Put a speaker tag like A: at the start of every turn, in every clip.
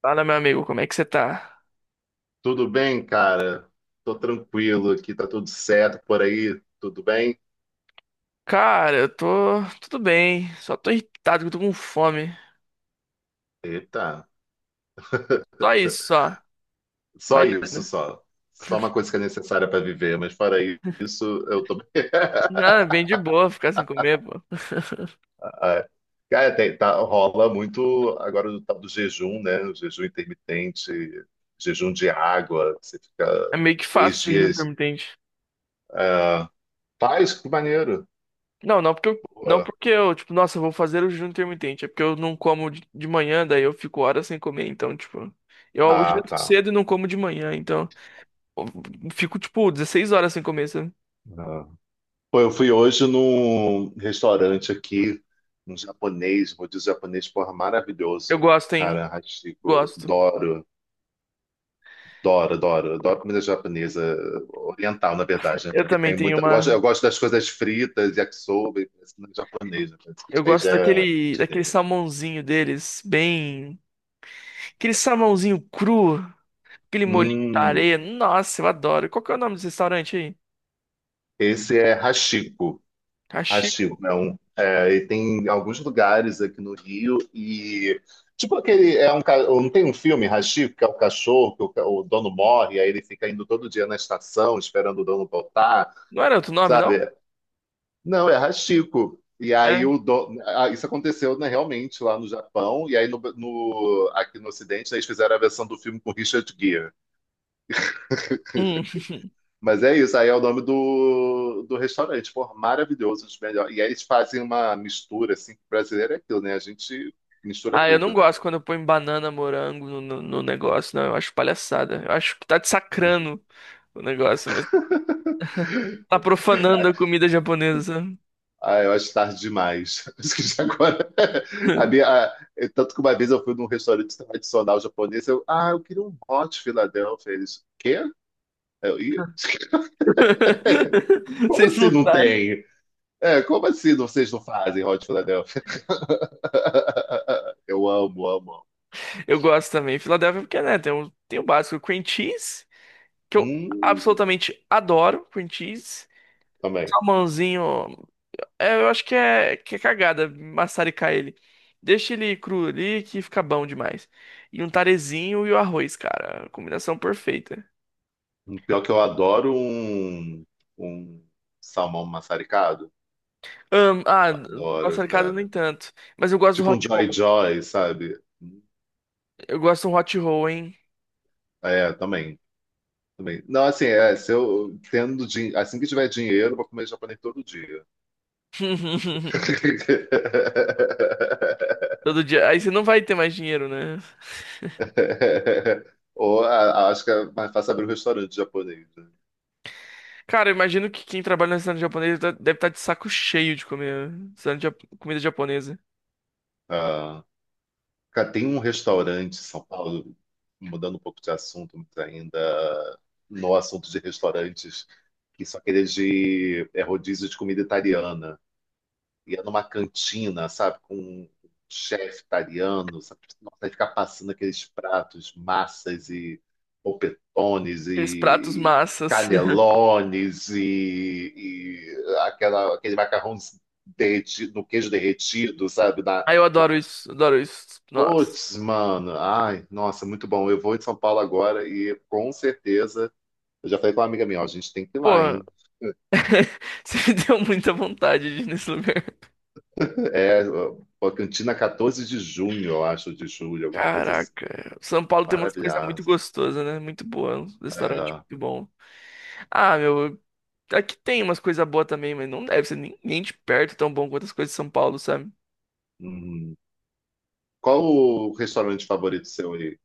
A: Fala, meu amigo, como é que você tá?
B: Tudo bem, cara? Tô tranquilo aqui, tá tudo certo por aí, tudo bem?
A: Cara, eu tô tudo bem, só tô irritado que eu tô com fome.
B: Eita,
A: Só isso, só.
B: só
A: Mais
B: isso,
A: nada.
B: só. Só uma coisa que é necessária para viver, mas fora isso, eu tô bem.
A: Não, é bem de boa ficar sem comer, pô.
B: Ah, cara, tá, rola muito agora do tal do jejum, né? O jejum intermitente, jejum de água, que você
A: É
B: fica
A: meio que
B: três
A: fácil o jejum
B: dias.
A: intermitente.
B: Ah, faz, que maneiro.
A: Não, não porque eu,
B: Pô,
A: não porque eu, tipo, nossa, eu vou fazer o jejum intermitente. É porque eu não como de manhã, daí eu fico horas sem comer, então, tipo, eu almoço
B: ah, tá.
A: cedo e não como de manhã, então, eu fico, tipo, 16 horas sem comer, sabe?
B: Ah. Pô, eu fui hoje num restaurante aqui, um japonês, vou dizer japonês, porra,
A: Eu
B: maravilhoso.
A: gosto, hein?
B: Cara, Hachiko,
A: Gosto.
B: adoro, adoro, adoro, adoro comida japonesa, oriental, na verdade, né?
A: Eu
B: Porque
A: também
B: tem
A: tenho
B: muita.
A: uma.
B: Eu gosto das coisas fritas, yakisoba, e isso não é japonês, né?
A: Eu
B: Isso aí
A: gosto
B: já é
A: daquele
B: chinês.
A: salmãozinho deles, bem. Aquele salmãozinho cru, aquele molhinho de
B: Hum,
A: areia. Nossa, eu adoro. Qual que é o nome desse restaurante aí?
B: esse é Hachiko. Acho
A: Cachico.
B: que não. É, e tem alguns lugares aqui no Rio e tipo aquele é um não tem um filme Hachiko que é o cachorro que o dono morre, aí ele fica indo todo dia na estação esperando o dono voltar,
A: Não era outro nome, não?
B: sabe? Não, é Hachiko. E aí
A: É.
B: o dono, ah, isso aconteceu, né, realmente lá no Japão, e aí aqui no Ocidente eles fizeram a versão do filme com Richard Gere.
A: Hum.
B: Mas é isso, aí é o nome do restaurante, pô, maravilhoso, um dos melhores. E aí eles fazem uma mistura, assim, que brasileiro é aquilo, né? A gente mistura
A: Ah, eu não
B: tudo, né?
A: gosto quando eu ponho banana, morango no negócio, não. Eu acho palhaçada. Eu acho que tá desacrando o negócio, mas tá profanando a comida japonesa. Sabe?
B: Ah, eu acho tarde demais. Acho que já agora. A minha, a- eu- Tanto que uma vez eu fui num restaurante tradicional japonês, eu, ah, eu queria um hot Philadelphia. Eles, quê? Eu, "Ih, como
A: Vocês
B: assim
A: não
B: não
A: sabem.
B: tem? É, como assim vocês não fazem hot Philadelphia? Eu amo, amo, amo.
A: Eu gosto também. Filadélfia, porque, né, tem o, básico cream cheese. Que eu
B: Hum,
A: absolutamente adoro, cream cheese.
B: também.
A: Salmãozinho, é, eu acho que é cagada maçaricar ele. Deixa ele cru ali que fica bom demais. E um tarezinho e o arroz, cara. Combinação perfeita.
B: Pior que eu adoro um, um salmão maçaricado.
A: Ahn, ah,
B: Eu adoro,
A: maçaricada nem
B: cara.
A: tanto. Mas eu gosto do
B: Tipo um
A: hot
B: Joy
A: roll.
B: Joy, sabe?
A: Eu gosto de um hot roll, hein?
B: É, também. Também. Não, assim, é, se eu assim que tiver dinheiro, eu vou comer japonês todo dia.
A: Todo dia. Aí você não vai ter mais dinheiro, né?
B: Ou acho que é mais fácil abrir um restaurante japonês, né?
A: Cara, eu imagino que quem trabalha no restaurante japonês deve estar de saco cheio de comer comida japonesa.
B: Ah. Cara, tem um restaurante em São Paulo, mudando um pouco de assunto, mas ainda no assunto de restaurantes, que são aqueles de é rodízio de comida italiana. E é numa cantina, sabe, com um chefe italiano, sabe? Tipo, nossa, aí fica passando aqueles pratos, massas e polpetones
A: Aqueles pratos
B: e
A: massas.
B: canelones e aquela, aquele macarrão derretido, no queijo derretido, sabe,
A: Aí eu adoro isso, adoro isso. Nossa.
B: putz, mano. Ai, nossa, muito bom. Eu vou em São Paulo agora, e com certeza. Eu já falei com uma amiga minha, ó, a gente tem que ir lá,
A: Porra,
B: hein?
A: você me deu muita vontade de ir nesse lugar.
B: É, ó, Cantina 14 de junho, eu acho, de julho, alguma coisa assim.
A: Caraca, São Paulo tem umas coisas muito
B: Maravilhosa.
A: gostosas, né? Muito boa, um restaurante
B: É,
A: muito bom. Ah, meu, aqui tem umas coisas boas também, mas não deve ser nem de perto tão bom quanto as coisas de São Paulo, sabe?
B: uhum. Qual o restaurante favorito seu aí?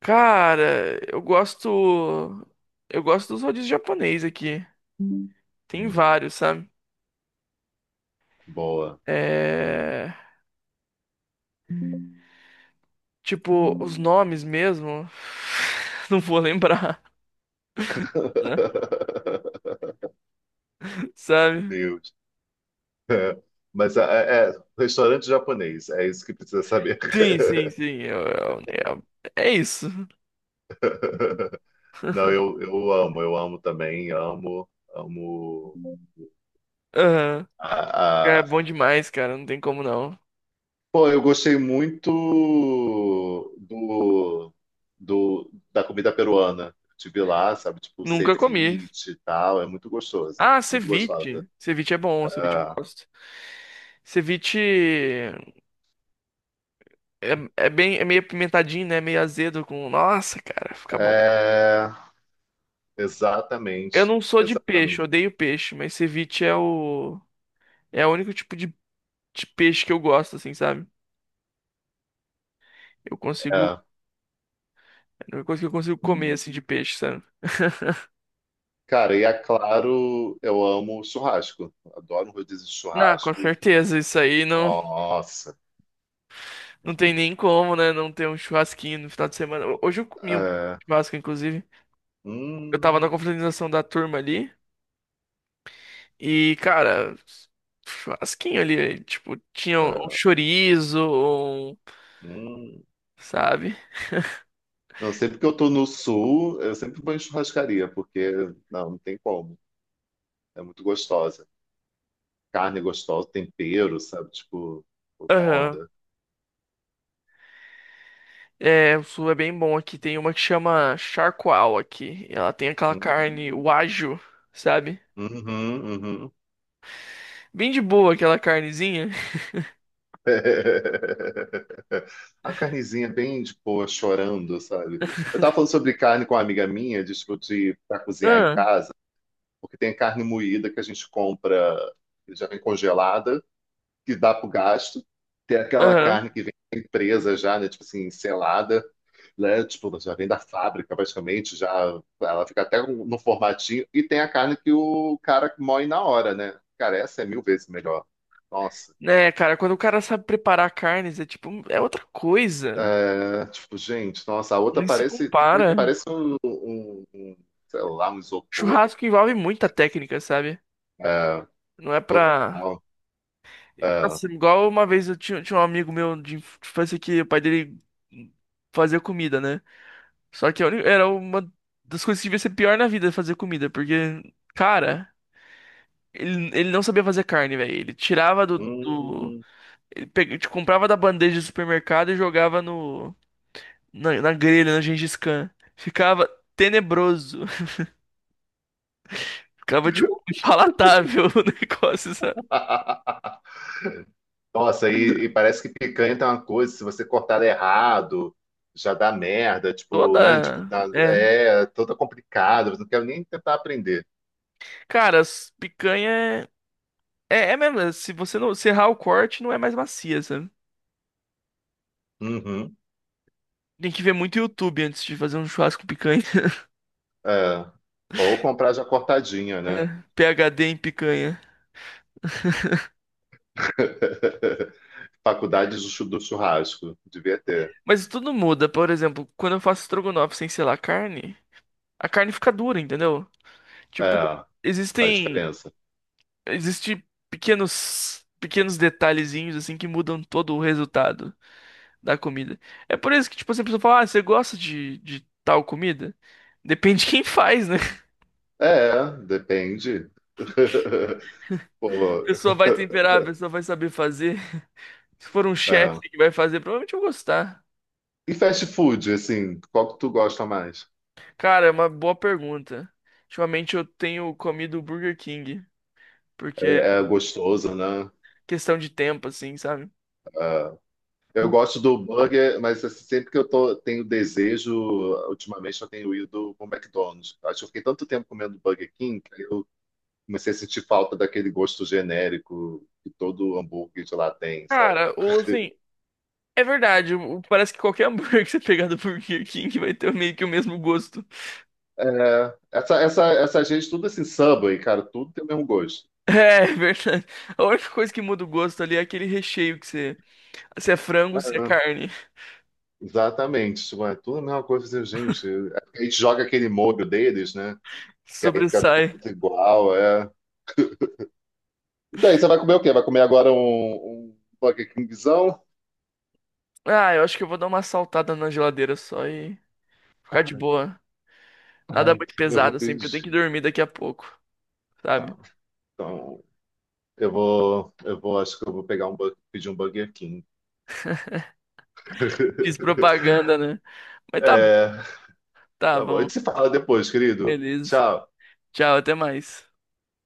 A: Cara, eu gosto. Eu gosto dos rodízios japonês aqui. Tem
B: Hum,
A: vários, sabe?
B: boa.
A: É. Tipo, os nomes mesmo. Não vou lembrar, né? Sabe?
B: Deus. É, mas é, é, restaurante japonês, é isso que precisa saber.
A: Sim, sim, sim. É isso.
B: Não, eu amo também, amo, amo.
A: Aham. Cara, é bom demais, cara. Não tem como não.
B: Pô, eu gostei muito do, do, da comida peruana. Tive lá, sabe, tipo,
A: Nunca comi.
B: ceviche e tal, é muito gostosa,
A: Ah,
B: muito gostosa.
A: ceviche. Ceviche é bom, ceviche eu
B: É,
A: gosto. Ceviche é, bem, é meio apimentadinho, né? Meio azedo com. Nossa, cara, fica bom.
B: é,
A: Eu
B: exatamente,
A: não sou de peixe, eu
B: exatamente.
A: odeio peixe, mas ceviche é o único tipo de peixe que eu gosto, assim, sabe? Eu consigo,
B: É.
A: é a única coisa que eu consigo comer assim de peixe, sabe?
B: Cara, e é claro, eu amo churrasco. Adoro um rodízio de
A: Ah, com
B: churrasco.
A: certeza, isso aí não
B: Nossa.
A: Não tem nem como, né? Não ter um churrasquinho no final de semana. Hoje eu comi um
B: É.
A: churrasco, inclusive. Eu tava na
B: Hum,
A: confraternização da turma ali. E, cara, churrasquinho ali. Tipo, tinha um
B: é,
A: chorizo,
B: hum.
A: sabe?
B: Não, sempre que eu tô no sul, eu sempre vou em churrascaria, porque não, não tem como. É muito gostosa. Carne gostosa, tempero, sabe? Tipo, outra
A: Aham.
B: onda.
A: É, o sul é bem bom aqui. Tem uma que chama charcoal aqui. Ela tem aquela
B: Hum,
A: carne wagyu, sabe?
B: Uhum, uhum.
A: Bem de boa aquela carnezinha.
B: A carnezinha bem, tipo, chorando, sabe? Eu tava falando sobre carne com uma amiga minha, de, tipo, de, pra cozinhar em
A: Ah,
B: casa, porque tem carne moída que a gente compra, que já vem congelada, que dá pro gasto, tem aquela
A: aham.
B: carne que vem presa já, né? Tipo assim, selada, né? Tipo, já vem da fábrica, praticamente, já ela fica até no formatinho, e tem a carne que o cara moe na hora, né? Cara, essa é mil vezes melhor. Nossa.
A: Né, cara, quando o cara sabe preparar carnes, é tipo, é outra coisa.
B: É, tipo, gente, nossa, a outra
A: Nem se
B: parece, tem uma que
A: compara.
B: parece um, sei lá, um isopor.
A: Churrasco que envolve muita técnica, sabe?
B: É,
A: Não é pra.
B: total. É,
A: Nossa, igual uma vez eu tinha um amigo meu de infância que o pai dele fazia comida, né? Só que era uma das coisas que devia ser pior na vida fazer comida, porque, cara, ele não sabia fazer carne, velho. Ele tirava do, do-
B: hum.
A: Ele pega- te comprava da bandeja do supermercado e jogava no, na grelha, na Gengis Khan. Ficava tenebroso. Ficava, tipo, impalatável o negócio, sabe?
B: Nossa, e parece que picanha tem uma coisa, se você cortar errado, já dá merda, tipo, né? Tipo,
A: Toda. É.
B: é toda complicada, eu não quero nem tentar aprender.
A: Cara, as picanha é. É mesmo. É, se você não. Se errar o corte, não é mais macia, sabe?
B: Uhum,
A: Tem que ver muito YouTube antes de fazer um churrasco com picanha.
B: é. Ou comprar já cortadinha,
A: É,
B: né?
A: PhD em picanha.
B: Faculdade do churrasco, devia ter.
A: Mas tudo muda. Por exemplo, quando eu faço estrogonofe sem selar carne, a carne fica dura, entendeu? Tipo,
B: É, faz
A: existem.
B: diferença.
A: Existem pequenos. Pequenos detalhezinhos assim que mudam todo o resultado da comida. É por isso que, tipo, assim, a pessoa fala, ah, você gosta de tal comida? Depende de quem faz, né?
B: É, depende.
A: A
B: Pô,
A: pessoa vai temperar, a pessoa vai saber fazer. Se for um chefe
B: é.
A: que vai fazer, provavelmente eu vou gostar.
B: E fast food, assim, qual que tu gosta mais?
A: Cara, é uma boa pergunta. Ultimamente eu tenho comido Burger King, porque é
B: É gostoso, né?
A: questão de tempo, assim, sabe?
B: É. Eu gosto do burger, mas assim, sempre que eu tô, tenho desejo, ultimamente eu tenho ido pro McDonald's. Acho que eu fiquei tanto tempo comendo Burger King que eu comecei a sentir falta daquele gosto genérico que todo hambúrguer de lá tem, sabe?
A: Cara, ou assim, é verdade. Parece que qualquer hambúrguer que você pegar do Burger King vai ter meio que o mesmo gosto.
B: É, essa gente, tudo assim, Subway, cara, tudo tem o mesmo gosto.
A: É verdade. A única coisa que muda o gosto ali é aquele recheio que você. Se é frango, se é
B: É,
A: carne.
B: exatamente. Tipo, é tudo a mesma coisa, assim, gente. É porque a gente joga aquele molho deles, né? Que aí fica tudo
A: Sobressai.
B: igual, é. Então aí, você vai comer o quê? Vai comer agora um, um Burger Kingzão?
A: Ah, eu acho que eu vou dar uma saltada na geladeira só e ficar de boa. Nada
B: Ai,
A: muito
B: eu vou
A: pesado, assim, porque
B: pedir.
A: eu tenho que dormir daqui a pouco, sabe?
B: Tá. Então, eu vou, acho que eu vou pegar um, pedir um Burger King.
A: Fiz propaganda, né? Mas tá bom,
B: É,
A: tá
B: tá bom. A
A: bom.
B: gente se fala depois, querido.
A: Beleza.
B: Tchau.
A: Tchau, até mais.